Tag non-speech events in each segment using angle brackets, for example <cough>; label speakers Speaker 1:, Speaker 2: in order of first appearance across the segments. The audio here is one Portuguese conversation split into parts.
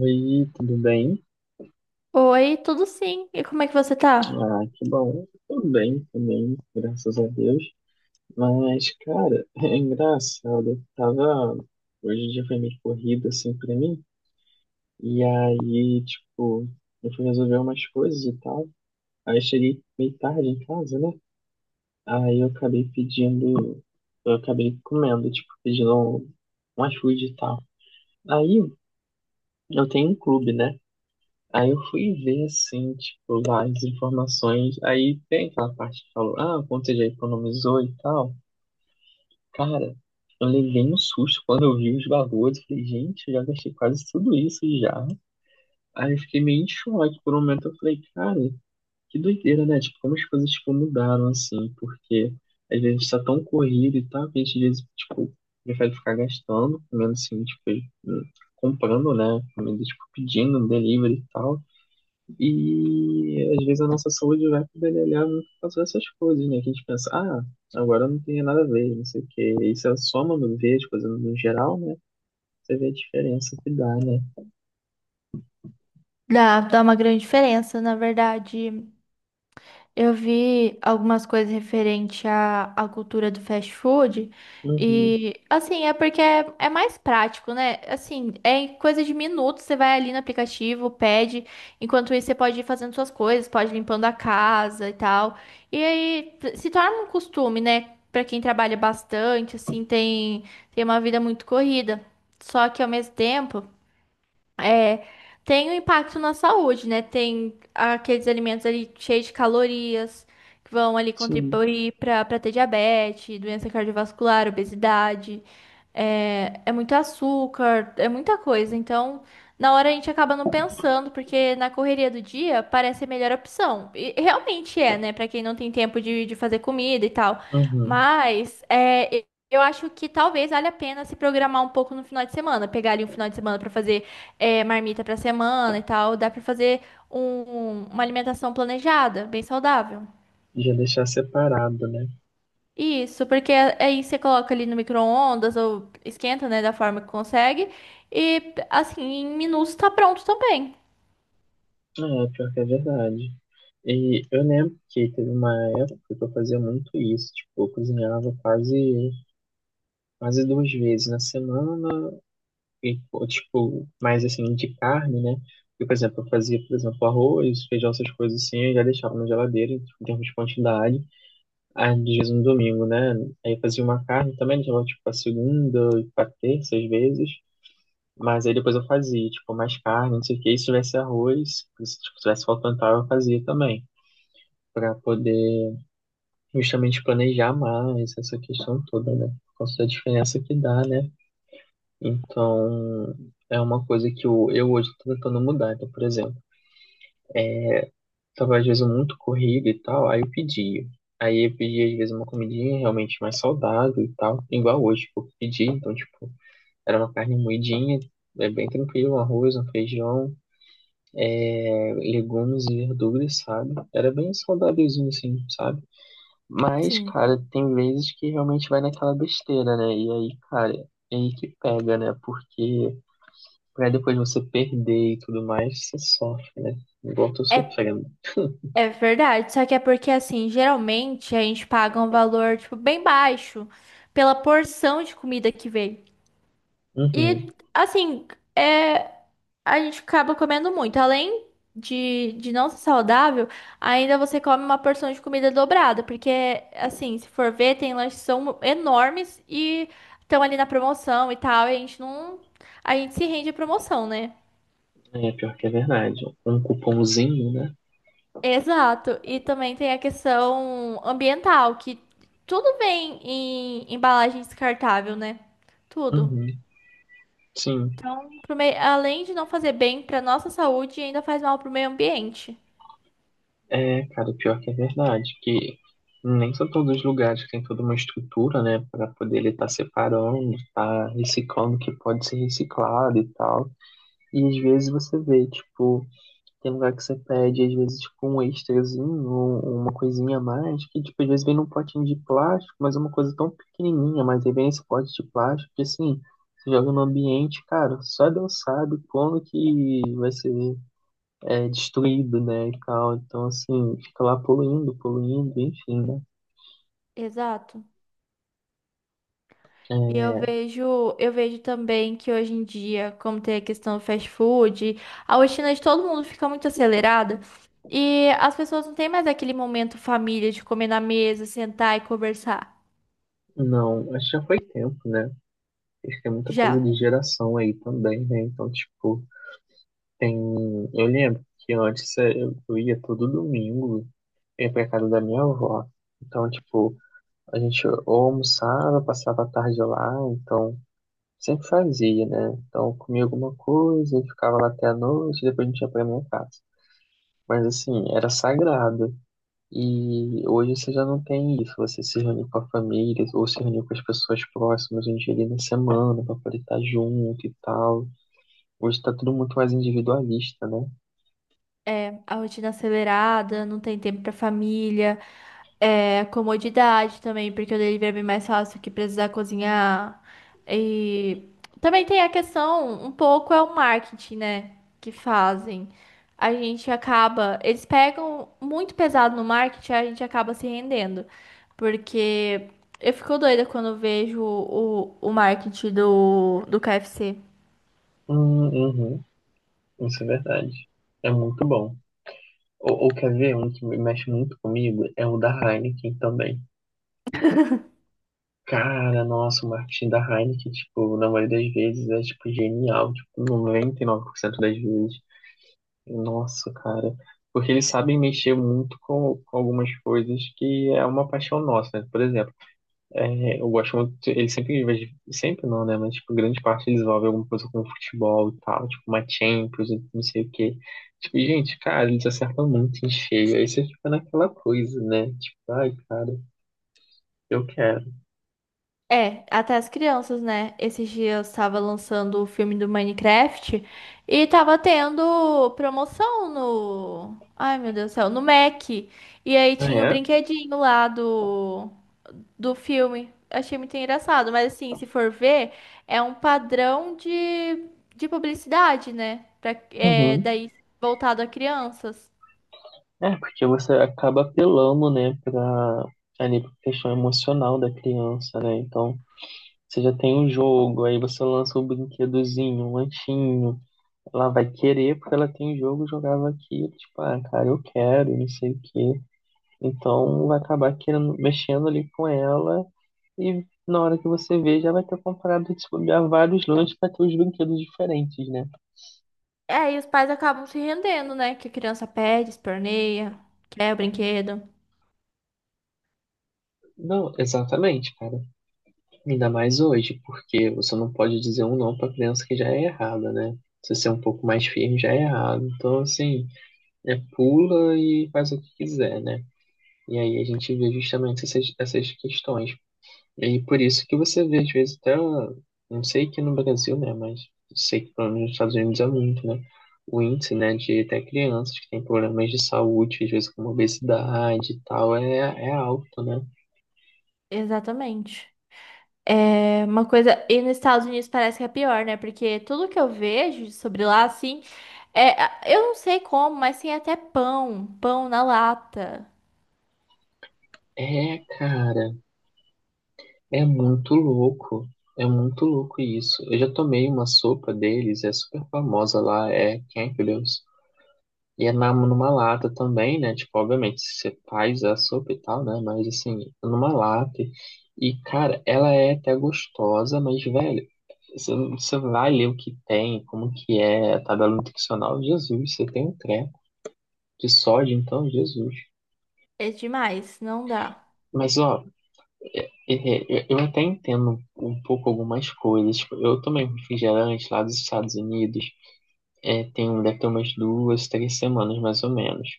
Speaker 1: Oi, tudo bem?
Speaker 2: Oi, tudo sim. E como é que você tá?
Speaker 1: Ah, que bom. Tudo bem também, graças a Deus. Mas, cara, <laughs> é engraçado. Eu tava. Hoje o dia foi meio corrido, assim, pra mim. E aí, tipo, eu fui resolver umas coisas e tal. Aí eu cheguei meio tarde em casa, né? Aí eu acabei pedindo. Eu acabei comendo, tipo, pedindo um iFood e tal. Aí eu tenho um clube, né? Aí eu fui ver, assim, tipo, lá as informações. Aí tem aquela parte que falou, ah, quanto você já economizou e tal. Cara, eu levei um susto quando eu vi os valores. Eu falei, gente, eu já gastei quase tudo isso já. Aí eu fiquei meio em choque por um momento. Eu falei, cara, que doideira, né? Tipo, como as coisas, tipo, mudaram, assim. Porque às vezes a gente tá tão corrido e tal, que a gente, às vezes, tipo, prefere ficar gastando. Pelo menos, assim, tipo, comprando, né? Comida, tipo, pedindo um delivery e tal e às vezes a nossa saúde vai pedalhar muito por causa dessas coisas, né? Que a gente pensa, ah, agora não tem nada a ver, não sei o quê. E se a soma não vê as coisas no geral, né? Você vê a diferença que dá, né?
Speaker 2: Dá uma grande diferença, na verdade. Eu vi algumas coisas referente à cultura do fast food.
Speaker 1: Uhum,
Speaker 2: E assim, é porque é mais prático, né? Assim, é em coisa de minutos, você vai ali no aplicativo, pede, enquanto isso você pode ir fazendo suas coisas, pode ir limpando a casa e tal. E aí se torna um costume, né? Pra quem trabalha bastante, assim, tem uma vida muito corrida. Só que ao mesmo tempo É, tem um impacto na saúde, né? Tem aqueles alimentos ali cheios de calorias que vão ali
Speaker 1: sim.
Speaker 2: contribuir para ter diabetes, doença cardiovascular, obesidade. É muito açúcar, é muita coisa. Então, na hora a gente acaba não pensando, porque na correria do dia parece a melhor opção. E realmente é, né? Para quem não tem tempo de fazer comida e tal.
Speaker 1: Uhum.
Speaker 2: Mas eu acho que talvez valha a pena se programar um pouco no final de semana, pegar ali um final de semana para fazer marmita pra semana e tal, dá pra fazer uma alimentação planejada, bem saudável.
Speaker 1: Já deixar separado, né?
Speaker 2: Isso, porque aí você coloca ali no micro-ondas ou esquenta, né, da forma que consegue. E assim, em minutos tá pronto também.
Speaker 1: Ah, é, pior que é verdade. E eu lembro que teve uma época que eu fazia muito isso, tipo, eu cozinhava quase duas vezes na semana e, pô, tipo, mais assim, de carne, né? Eu, por exemplo, eu fazia, por exemplo, arroz, feijão, essas coisas assim, eu já deixava na geladeira, tipo, em termos de quantidade. Aí, às vezes, no domingo, né? Aí eu fazia uma carne também, deixava, tipo, pra segunda, pra terça, às vezes. Mas aí depois eu fazia, tipo, mais carne, não sei o quê. E se tivesse arroz, se tipo, tivesse faltando tal, eu fazia também. Pra poder justamente planejar mais essa questão toda, né? Por causa da diferença que dá, né? Então, é uma coisa que eu hoje estou tentando mudar. Então, por exemplo, estava às vezes muito corrido e tal, aí eu pedia. Aí eu pedia às vezes uma comidinha realmente mais saudável e tal, igual hoje que eu pedi. Então, tipo, era uma carne moidinha, é bem tranquilo, um arroz, um feijão, é, legumes e verduras, sabe? Era bem saudávelzinho assim, sabe? Mas,
Speaker 2: Sim.
Speaker 1: cara, tem vezes que realmente vai naquela besteira, né? E aí, cara, é aí que pega, né? Porque pra depois você perder e tudo mais, você sofre, né? Igual eu tô
Speaker 2: É,
Speaker 1: sofrendo.
Speaker 2: é verdade, só que é porque assim, geralmente a gente paga um valor tipo bem baixo pela porção de comida que vem.
Speaker 1: Uhum.
Speaker 2: E assim, é a gente acaba comendo muito. Além de não ser saudável, ainda você come uma porção de comida dobrada, porque, assim, se for ver, tem lanches que são enormes e estão ali na promoção e tal, e a gente não. A gente se rende à promoção, né?
Speaker 1: É, pior que é verdade. Um cupomzinho, né?
Speaker 2: Exato. E também tem a questão ambiental, que tudo vem em embalagem descartável, né? Tudo.
Speaker 1: Uhum. Sim.
Speaker 2: Além de não fazer bem para nossa saúde, ainda faz mal para o meio ambiente.
Speaker 1: É, cara, pior que é verdade. Que nem são todos os lugares que tem toda uma estrutura, né? Pra poder ele tá separando, tá reciclando o que pode ser reciclado e tal. E às vezes você vê, tipo, tem lugar que você pede, às vezes, tipo, um extrazinho, ou uma coisinha a mais, que, tipo, às vezes vem num potinho de plástico, mas é uma coisa tão pequenininha, mas aí vem esse pote de plástico, que, assim, você joga no ambiente, cara, só Deus sabe como que vai ser é, destruído, né, e tal. Então, assim, fica lá poluindo, poluindo, enfim, né.
Speaker 2: Exato. E eu
Speaker 1: É,
Speaker 2: vejo, eu vejo também que hoje em dia, como tem a questão do fast food, a rotina de todo mundo fica muito acelerada e as pessoas não têm mais aquele momento família de comer na mesa, sentar e conversar.
Speaker 1: não, acho que já foi tempo, né. Acho que é muita coisa
Speaker 2: Já.
Speaker 1: de geração aí também, né. Então, tipo, tem... Eu lembro que antes é, eu ia todo domingo ia pra casa da minha avó. Então, tipo, a gente ou almoçava, passava a tarde lá, então sempre fazia, né? Então, eu comia alguma coisa e ficava lá até a noite, depois a gente ia pra minha casa. Mas assim, era sagrado. E hoje você já não tem isso, você se reuniu com a família, ou se reuniu com as pessoas próximas um dia ali na semana pra poder estar junto e tal. Hoje tá tudo muito mais individualista, né?
Speaker 2: É, a rotina acelerada, não tem tempo pra família, comodidade também, porque o delivery é bem mais fácil que precisar cozinhar. E também tem a questão, um pouco é o marketing, né, que fazem. A gente acaba, eles pegam muito pesado no marketing, a gente acaba se rendendo, porque eu fico doida quando eu vejo o marketing do KFC.
Speaker 1: Hum, uhum, isso é verdade. É muito bom. Ou quer ver um que me mexe muito comigo? É o da Heineken também. Cara, nossa, o marketing da Heineken, tipo, na maioria das vezes é, tipo, genial. Tipo, 99% das vezes. Nossa, cara. Porque eles sabem mexer muito com algumas coisas que é uma paixão nossa, né? Por exemplo, é, eu gosto muito, ele sempre, sempre não, né? Mas, tipo, grande parte eles envolvem alguma coisa com futebol e tal, tipo, uma Champions, não sei o quê. Tipo, gente, cara, eles acertam muito em cheio. Aí você fica naquela coisa, né? Tipo, ai, cara, eu quero.
Speaker 2: É, até as crianças, né? Esses dias estava lançando o filme do Minecraft e tava tendo promoção no. Ai, meu Deus do céu, no Mac. E aí
Speaker 1: Ah,
Speaker 2: tinha o
Speaker 1: é,
Speaker 2: brinquedinho lá do filme. Achei muito engraçado, mas assim, se for ver, é um padrão de publicidade, né? Pra,
Speaker 1: uhum.
Speaker 2: daí voltado a crianças.
Speaker 1: É, porque você acaba apelando, né, pra, ali, pra questão emocional da criança, né? Então, você já tem um jogo, aí você lança um brinquedozinho, um lanchinho. Ela vai querer porque ela tem jogo, jogava aqui, tipo, ah, cara, eu quero, não sei o quê. Então vai acabar querendo, mexendo ali com ela e na hora que você vê já vai ter comprado, tipo, já vários lanches para ter os brinquedos diferentes, né?
Speaker 2: É, e os pais acabam se rendendo, né? Que a criança pede, esperneia, quer o brinquedo.
Speaker 1: Não, exatamente, cara. Ainda mais hoje, porque você não pode dizer um não para criança que já é errada, né? Se você é um pouco mais firme, já é errado. Então, assim, é pula e faz o que quiser, né? E aí a gente vê justamente essas questões. E por isso que você vê, às vezes, até, não sei que no Brasil, né, mas sei que pelo menos nos Estados Unidos é muito, né, o índice, né, de até crianças que têm problemas de saúde, às vezes como obesidade e tal, é, é alto, né?
Speaker 2: Exatamente. É uma coisa. E nos Estados Unidos parece que é pior, né? Porque tudo que eu vejo sobre lá, assim. É, eu não sei como, mas tem até pão. Pão na lata.
Speaker 1: É, cara, é muito louco, é muito louco isso. Eu já tomei uma sopa deles, é super famosa lá, é Campbell's. E é na, numa lata também, né? Tipo, obviamente, você faz a sopa e tal, né? Mas assim, numa lata. E, cara, ela é até gostosa, mas, velho, você vai ler o que tem, como que é a tabela nutricional, Jesus, você tem um treco de sódio, então, Jesus.
Speaker 2: É demais, não dá.
Speaker 1: Mas, ó, eu até entendo um pouco algumas coisas. Tipo, eu tomei um refrigerante lá dos Estados Unidos, é, tem, deve ter umas duas, três semanas, mais ou menos.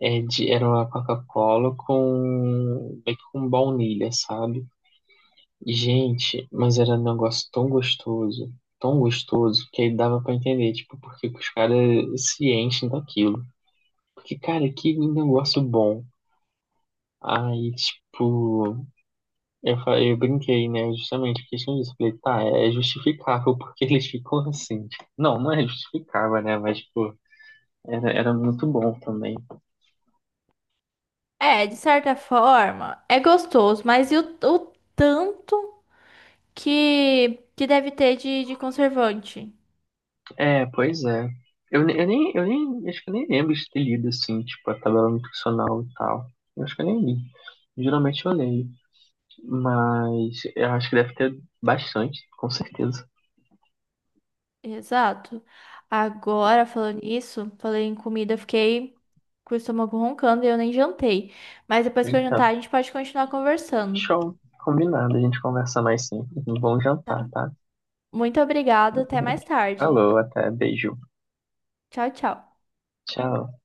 Speaker 1: É de, era uma Coca-Cola com, meio que com baunilha, sabe? Gente, mas era um negócio tão gostoso, que aí dava pra entender, tipo, porque os caras se enchem daquilo. Porque, cara, que negócio bom. Aí, tipo, eu, eu brinquei, né? Justamente por questão disso. Falei, tá, é justificável porque <laughs> eles ficam assim. Não, não é justificável, né? Mas, tipo, era, era muito bom também.
Speaker 2: É, de certa forma, é gostoso, mas e o tanto que deve ter de conservante?
Speaker 1: É, pois é. Eu, ne- eu nem, Acho que eu nem lembro de ter lido, assim, tipo, a tabela nutricional e tal. Eu acho que eu nem li. Geralmente eu leio, mas eu acho que deve ter bastante, com certeza.
Speaker 2: Exato. Agora, falando nisso, falei em comida, eu fiquei com o estômago roncando e eu nem jantei. Mas depois que eu
Speaker 1: Eita,
Speaker 2: jantar, a gente pode continuar conversando.
Speaker 1: show. Combinado, a gente conversa mais sim. Um bom
Speaker 2: Tá?
Speaker 1: jantar, tá?
Speaker 2: Muito obrigada, até mais tarde.
Speaker 1: Falou, até, beijo.
Speaker 2: Tchau, tchau.
Speaker 1: Tchau.